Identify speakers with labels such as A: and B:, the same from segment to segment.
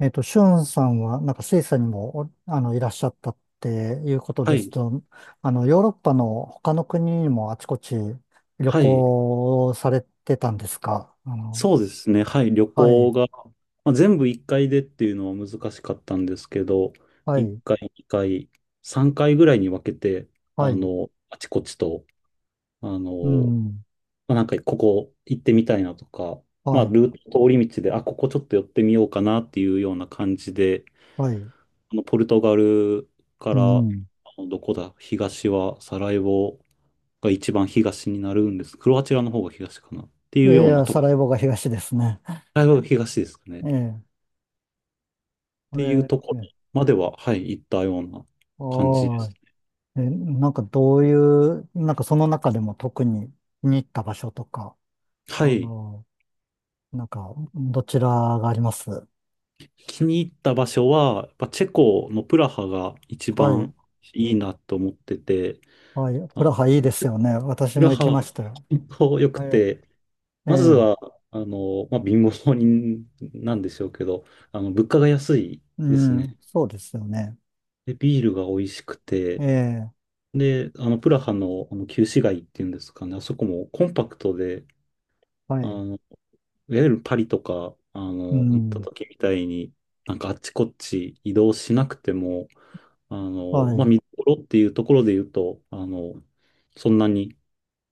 A: シュンさんは、なんかスイスにも、おあの、いらっしゃったっていうこと
B: は
A: です
B: い。
A: と、ヨーロッパの他の国にもあちこち旅
B: はい。
A: 行をされてたんですか
B: そうですね。はい。旅
A: はい、
B: 行が、まあ、全部1回でっていうのは難しかったんですけど、
A: は
B: 1
A: い、
B: 回、2回、3回ぐらいに分けて、
A: はい、
B: あちこちと、あ
A: う
B: の、
A: ん、
B: まあ、なんかここ行ってみたいなとか、ま
A: は
B: あ、
A: い、
B: ルート、通り道で、あ、ここちょっと寄ってみようかなっていうような感じで、
A: はい、
B: ポルトガルか
A: う
B: ら、
A: ん。
B: どこだ、東はサラエボが一番東になるんです。クロアチアの方が東かなってい
A: い
B: う
A: やい
B: ような
A: や、サ
B: と
A: ラエボが東ですね。
B: 大学東ですかね。っ
A: ええ、
B: ていう
A: え
B: とこ
A: え、
B: ろ
A: ええ
B: までは、はい、行ったような感じです。
A: はい。え、なんかどういう、なんかその中でも特に気に入った場所とか、
B: は
A: あ
B: い。
A: の、なんかどちらがあります？
B: 気に入った場所は、やっぱチェコのプラハが一
A: はい、
B: 番いいなと思ってて、
A: はい。
B: あ
A: プ
B: の
A: ラハいいですよね。私
B: プ
A: も
B: ラ
A: 行
B: ハ
A: き
B: は
A: ましたよ。
B: 本当良く
A: はい。
B: て、
A: え
B: まず
A: え、
B: は、まあ、貧乏人なんでしょうけど、物価が安い
A: う
B: ですね。
A: ん、そうですよね。
B: で、ビールが美味しく
A: え
B: て、
A: え、
B: で、プラハの、旧市街っていうんですかね、あそこもコンパクトで、
A: は
B: あ
A: い。
B: の、いわゆるパリとか、
A: う
B: 行った
A: ん、
B: 時みたいに、なんかあっちこっち移動しなくても、
A: は
B: まあ、
A: い。
B: 見どころっていうところで言うと、そんなに、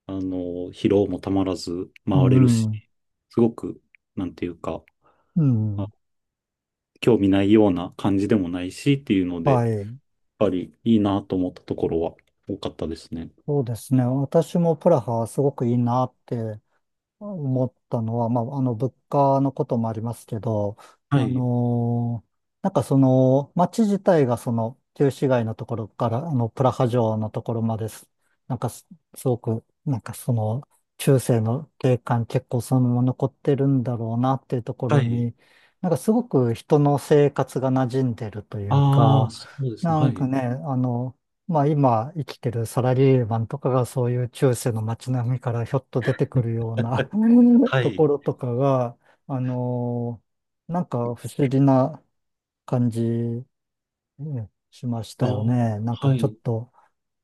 B: 疲労もたまらず
A: う
B: 回れるし、
A: ん、
B: すごく、なんていうか、
A: う
B: あ
A: ん、
B: 興味ないような感じでもないしっていうので、やっ
A: はい。
B: ぱりいいなと思ったところは多かったですね。
A: そうですね。私もプラハすごくいいなって思ったのは、まあ、物価のこともありますけど、
B: は
A: あ
B: い、
A: のーなんかその、街自体がその、旧市街のところから、プラハ城のところまです。なんかすごく、なんかその、中世の景観結構そのまま残ってるんだろうなっていうとこ
B: は
A: ろ
B: い。
A: に、なんかすごく人の生活が馴染んでるという
B: ああ、
A: か、
B: そうです
A: な
B: ね。は
A: んか
B: い。
A: ね、まあ今生きてるサラリーマンとかがそういう中世の街並みからひょっと出てくるような
B: は
A: と
B: い。
A: ころとかが、あのーなんか不思議な感じねしました
B: あ
A: よ
B: あ、
A: ね。なんか
B: は
A: ちょっ
B: い。
A: と、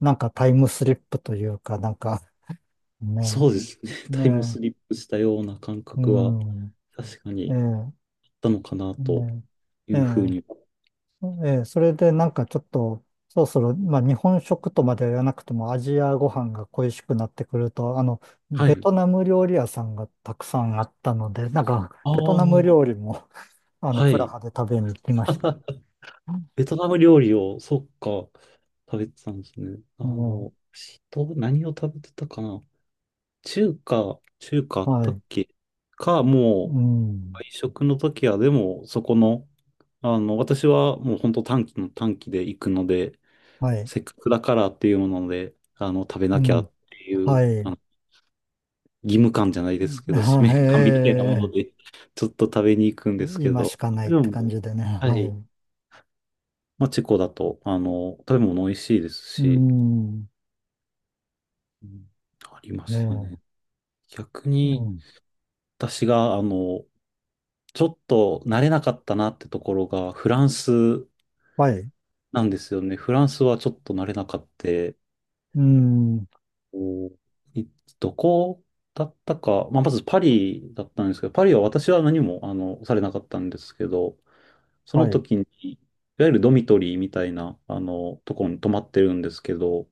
A: なんかタイムスリップというか、なんかね、
B: そうですね。タイムス
A: ね、
B: リップしたような感
A: う
B: 覚は
A: ん、
B: 確か
A: え
B: に
A: え、
B: あったのかなと
A: ね、
B: い
A: え
B: うふう
A: え。
B: に。
A: ええ、それでなんかちょっと、そろそろ、まあ日本食とまでは言わなくてもアジアご飯が恋しくなってくると、
B: は
A: ベ
B: い。
A: トナム料理屋さんがたくさんあったので、なんか
B: あ
A: ベトナム
B: あ、
A: 料理も、
B: は
A: プラ
B: い。
A: ハで食べに行きました。
B: ベトナム料理を、そっか、食べてたんですね。
A: うん
B: 人、何を食べてたかな。中華あっ
A: は
B: た
A: い。
B: っけか、も
A: う
B: う、
A: ん。
B: 外食の時は、でも、そこの、私はもう本当短期の短期で行くので、
A: はい。
B: せっかくだからっていうもので、食べ
A: う
B: なきゃ
A: ん。
B: ってい
A: は
B: う、
A: い。うんはい
B: 義務感じゃないで
A: う
B: すけ
A: ん
B: ど、使
A: はいは
B: 命
A: い
B: 感みたいなもの
A: え
B: で、ちょっと食べに行くん です
A: ー
B: け
A: 今し
B: ど、
A: かない
B: で
A: って感
B: も、
A: じでね。
B: は
A: は
B: い。
A: い。
B: まあ、チェコだと、食べ物美味しいです
A: う
B: し、
A: ん。
B: うん、ありました
A: え
B: ね。
A: え
B: 逆
A: う
B: に、
A: ん。
B: 私が、ちょっと慣れなかったなってところが、フランス
A: はい。
B: なんですよね。フランスはちょっと慣れなかった。
A: うん。
B: おいどこだったか、まあ、まずパリだったんですけど、パリは私は何も、されなかったんですけど、そ
A: は
B: の
A: い。
B: 時に、いわゆるドミトリーみたいな、とこに泊まってるんですけど、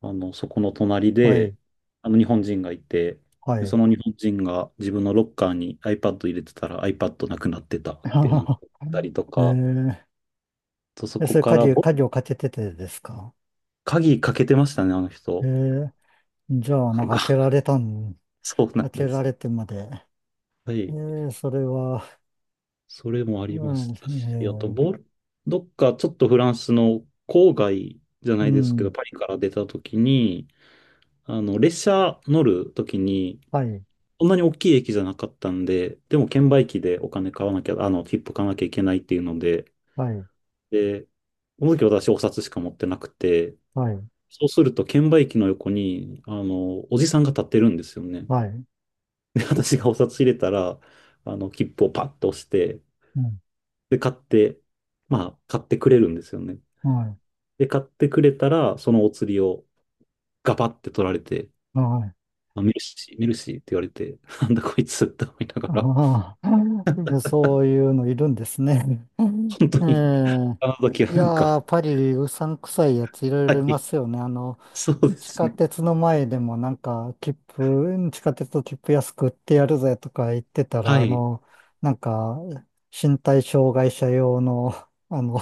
B: そこの隣
A: はい。
B: で、日本人がいて、
A: は
B: でそ
A: い。
B: の日本人が自分のロッカーに iPad 入れてたら iPad なくなってたってなん
A: あ
B: か言ったりとか、
A: ー
B: とそ
A: え
B: こ
A: それ
B: から、
A: 鍵をかけててですか？
B: 鍵かけてましたね、あの
A: え
B: 人。
A: ー、じゃあ、
B: な
A: なん
B: ん
A: か
B: か、そうなん
A: 開け
B: で
A: ら
B: す。
A: れてまで。
B: はい。
A: それは、
B: それもあ
A: う
B: りま
A: ん、
B: したし、あと、どっかちょっとフランスの郊外じゃ
A: う
B: ないですけど、
A: ん、
B: パリから出た時に、列車乗るときに、
A: はい、
B: そんなに大きい駅じゃなかったんで、でも券売機でお金買わなきゃ、切符買わなきゃいけないっていうので、
A: はい、
B: で、この時私お札しか持ってなくて、
A: はい、
B: そうすると券売機の横に、おじさんが立ってるんですよね。
A: はい、
B: で、私がお札入れたら、切符をパッと押して、
A: うん、
B: で、買って、まあ、買ってくれるんですよね。
A: はい、
B: で、買ってくれたら、そのお釣りをガバって取られて、
A: はい。
B: まあ、メルシー、メルシーって言われて、なんだこいつって思いな がら。
A: ああ、そういうのいるんですね。うん
B: 本当に、
A: え
B: あの時
A: え
B: は
A: い
B: なんか、
A: やー、パリ、うさんくさいやついろい
B: は
A: ろいま
B: い、
A: すよね。
B: そうで
A: 地
B: す
A: 下
B: ね。
A: 鉄の前でもなんか、地下鉄の切符安く売ってやるぜとか言ってたら、
B: はい、
A: なんか、身体障害者用の、あの、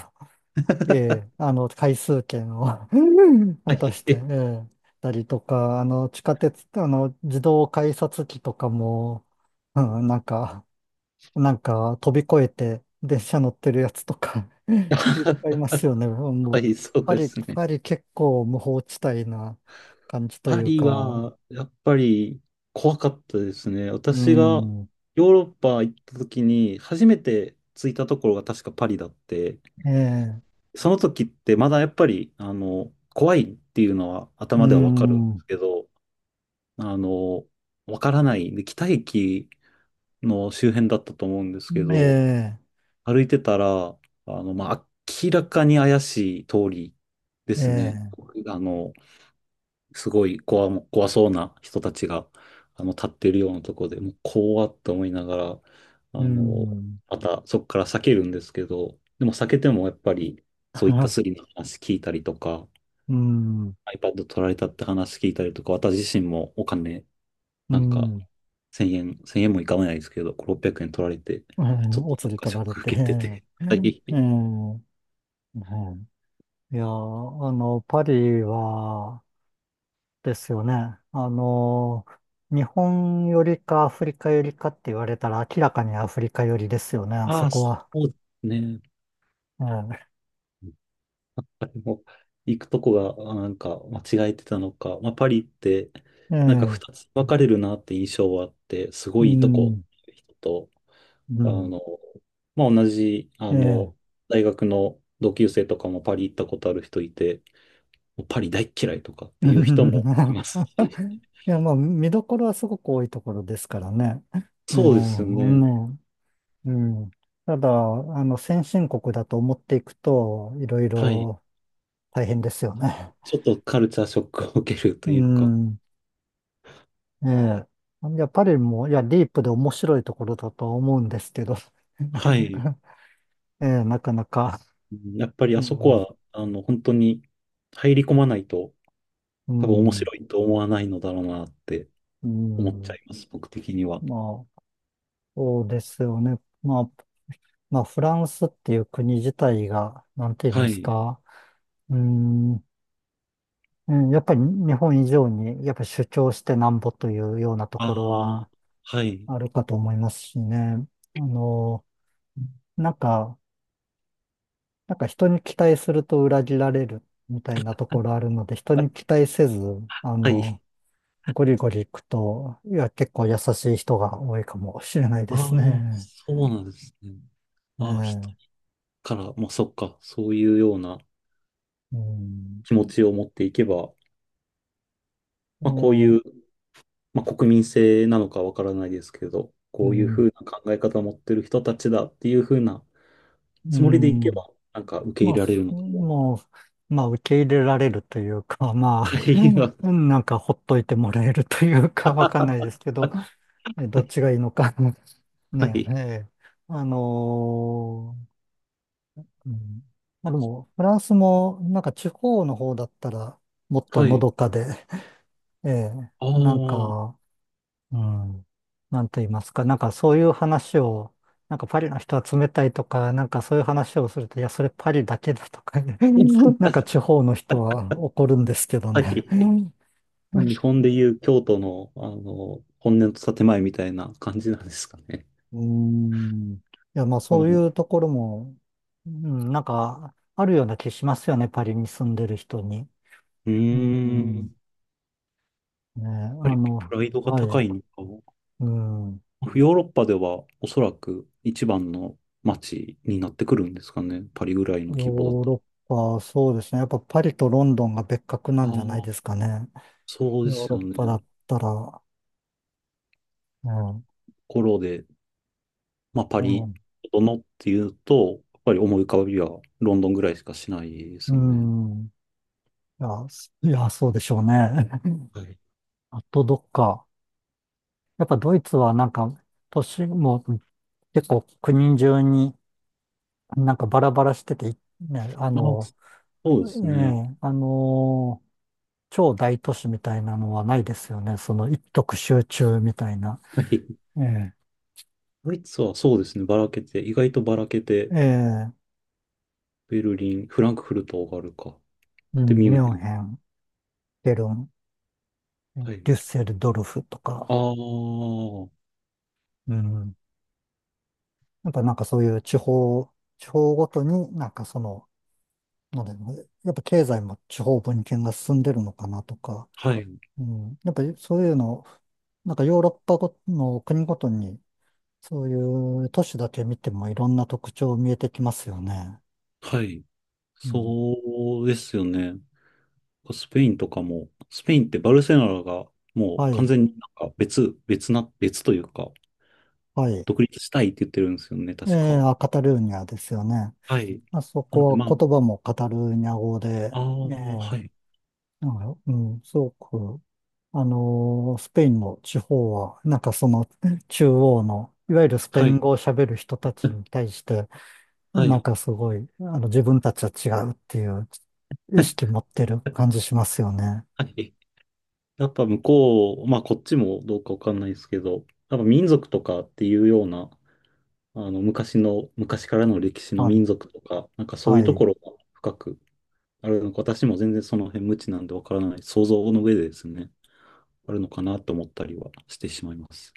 A: 回数券を
B: は
A: 渡して、
B: い、
A: えたりとか、地下鉄、自動改札機とかも、うん、なんか飛び越えて電車乗ってるやつとか いっぱいいますよね。も
B: は
A: う
B: い、そう
A: パ
B: で
A: リ、
B: すね。
A: パリ結構無法地帯な感じとい
B: パ
A: う
B: リ
A: か、
B: は、やっぱり怖かったですね。
A: う
B: 私が
A: ん、
B: ヨーロッパ行った時に、初めて着いたところが確かパリだって、
A: ええ、
B: その時ってまだやっぱり、怖いっていうのは
A: う
B: 頭ではわかるんで
A: ん、
B: すけど、あの、わからない。で、北駅の周辺だったと思うんですけ
A: え
B: ど、
A: え、
B: 歩いてたら、まあ、明らかに怪しい通りで
A: え
B: すね。
A: え、
B: あの、すごい怖、怖そうな人たちが、立ってるようなとこで、もう怖って思いながら、あ
A: う
B: の、
A: ん、
B: またそこから避けるんですけど、でも避けてもやっぱり、そういったス リの話聞いたりとか、
A: うん、
B: iPad 取られたって話聞いたりとか、私自身もお金、
A: う
B: なんか、
A: ん、
B: 1000円、1円もいかないですけど、600円取られて、
A: う
B: ちょ
A: ん
B: っと
A: お
B: な
A: 釣
B: ん
A: り
B: か
A: 取
B: ショ
A: ら
B: ッ
A: れ
B: ク
A: て、
B: 受 けてて、
A: ええ、
B: はい。
A: ええいやー、パリは、ですよね。あの日本よりかアフリカよりかって言われたら明らかにアフリカよりですよね、あそ
B: ああ、
A: こ
B: そ
A: は。
B: うですね。
A: え
B: なんかでも、行くとこが、なんか、間違えてたのか、まあ、パリって、
A: え、え
B: なんか二
A: え、
B: つ分かれるなって印象はあって、す
A: う
B: ごいいいとこ、
A: ん、
B: 人と、
A: う
B: あ
A: ん、
B: の、まあ、同じ、
A: ええ。
B: 大学の同級生とかもパリ行ったことある人いて、もうパリ大っ嫌いとかっ
A: う
B: ていう人
A: ん
B: もいま すし、
A: いや、まあ、見どころはすごく多いところですからね。う
B: そうですね。
A: ん、ね、うん。ただ、先進国だと思っていくと、いろい
B: はい。
A: ろ大変ですよね。
B: ちょっとカルチャーショックを受けると
A: う
B: いうか、
A: ん。ええ。やっぱりもう、いや、ディープで面白いところだとは思うんですけど、なか
B: は
A: な
B: い。
A: か、ええ、なかなか、
B: うん、やっぱり
A: う
B: あそこ
A: ん、
B: は、本当に入り込まないと
A: う
B: 多分面
A: ん、
B: 白いと思わないのだろうなって
A: う
B: 思っちゃ
A: ん、
B: います、僕的には。
A: まあ、そうですよね。まあ、フランスっていう国自体が、なんて言い
B: は
A: ます
B: い。
A: か、うん、うんやっぱり日本以上に、やっぱり主張してなんぼというようなとこ
B: あ
A: ろ
B: あ、
A: は
B: はい。
A: あるかと思いますしね。あの、なんか、なんか、人に期待すると裏切られるみたいなところあるので、人に
B: あ、
A: 期待せず、あ
B: は
A: の、
B: い。
A: ゴリゴリ行くと、いや、結構優しい人が多いかもしれない
B: あ
A: です
B: あ、
A: ね。
B: そうなんですね。
A: え
B: ああ、人
A: え、
B: から、まあそっか、そういうような
A: うん、
B: 気持ちを持っていけば、まあこう
A: も
B: いう、まあ国民性なのかわからないですけど、
A: うう
B: こういうふ
A: ん、
B: うな考え方を持ってる人たちだっていうふうな
A: う
B: つもりでいけ
A: ん。
B: ば、なんか受け
A: ま
B: 入
A: あ、
B: れられ
A: そ
B: るのかも。
A: もう、まあ、受け入れられるというか、
B: は
A: まあ、
B: い。
A: うんなんかほっといてもらえるというか、わかんないです けど、えど
B: は
A: っ
B: い、
A: ちがいいのか
B: は
A: ね、え
B: い、
A: え、あのーうん。まあでも、フランスも、なんか地方の方だったら、もっと
B: は
A: の
B: い。
A: どかで、ええ、
B: ああ、
A: なん
B: は
A: か、うん、なんと言いますか、なんかそういう話を、なんかパリの人は冷たいとか、なんかそういう話をすると、いや、それパリだけだとか なんか地方の人は怒るんですけどね。
B: い。まあ日本でいう京都の、本音と建前みたいな感じなんですかね。
A: うん。いや、まあ
B: その
A: そう
B: う
A: いうところも、うん、なんか、あるような気しますよね、パリに住んでる人に。う
B: や
A: ん。
B: っ
A: ね、
B: ぱ
A: あ
B: りプ
A: の、
B: ライドが
A: は
B: 高
A: い、
B: いのかも。
A: うん。
B: ヨーロッパではおそらく一番の街になってくるんですかね。パリぐらいの
A: ヨ
B: 規模だ
A: ー
B: と。
A: ロッパ、そうですね。やっぱパリとロンドンが別格な
B: あ
A: んじゃない
B: あ、
A: ですかね。
B: そうで
A: ヨー
B: す
A: ロ
B: よ
A: ッ
B: ね。
A: パだっ
B: と
A: たら、うん、
B: ころで、まあ、パ
A: う
B: リ、
A: ん、
B: どのっていうと、やっぱり思い浮かびはロンドンぐらいしかしないで
A: う
B: すよね。
A: ん。いや、いや、そうでしょうね。
B: はい。
A: あとどっか。やっぱドイツはなんか、都市も結構国中になんかバラバラしてて、ね、
B: ああ、そうですね。
A: ね、超大都市みたいなのはないですよね。その一極集中みたいな。
B: はい。
A: ええ
B: ドイツはそうですね。ばらけて、意外とばらけて、
A: ええ、
B: ベルリン、フランクフルトがあるか。
A: う
B: で、
A: ん、
B: ミ
A: ミ
B: ュンヘ
A: ュン
B: ン。
A: ヘン、ケルン、
B: はい。
A: デュッセルドルフと
B: ああ、
A: か、
B: は
A: うん。やっぱなんかそういう地方ごとになんかその、なんだろうね、やっぱ経済も地方分権が進んでるのかなとか、
B: い。
A: うん。やっぱりそういうの、なんかヨーロッパごの国ごとに、そういう都市だけ見てもいろんな特徴見えてきますよね。
B: はい。
A: うん。
B: そうですよね。スペインとかも、スペインってバルセロナがもう
A: は
B: 完
A: い、
B: 全になんか別というか、
A: はい。
B: 独立したいって言ってるんですよね、
A: え
B: 確
A: え、
B: か。
A: あカタルーニャですよね。
B: はい。
A: まあそ
B: なん
A: こ
B: で、まあ、
A: は言葉もカタルーニャ語で、
B: ああ、
A: ええ
B: はい。
A: なんか、うん、すごく、スペインの地方は、なんかその中央の、いわゆるスペイ
B: は
A: ン
B: い。
A: 語を喋る人たちに対して、
B: は
A: なん
B: い。
A: かすごい、自分たちは違うっていう意識持 ってる感じしますよね。
B: はい。やっぱ向こう、まあこっちもどうかわかんないですけど、やっぱ民族とかっていうような、昔からの歴史の
A: は
B: 民
A: い。
B: 族とか、なんかそういう
A: は
B: と
A: い。
B: ころが深くあるのか、私も全然その辺無知なんでわからない、想像の上でですね、あるのかなと思ったりはしてしまいます。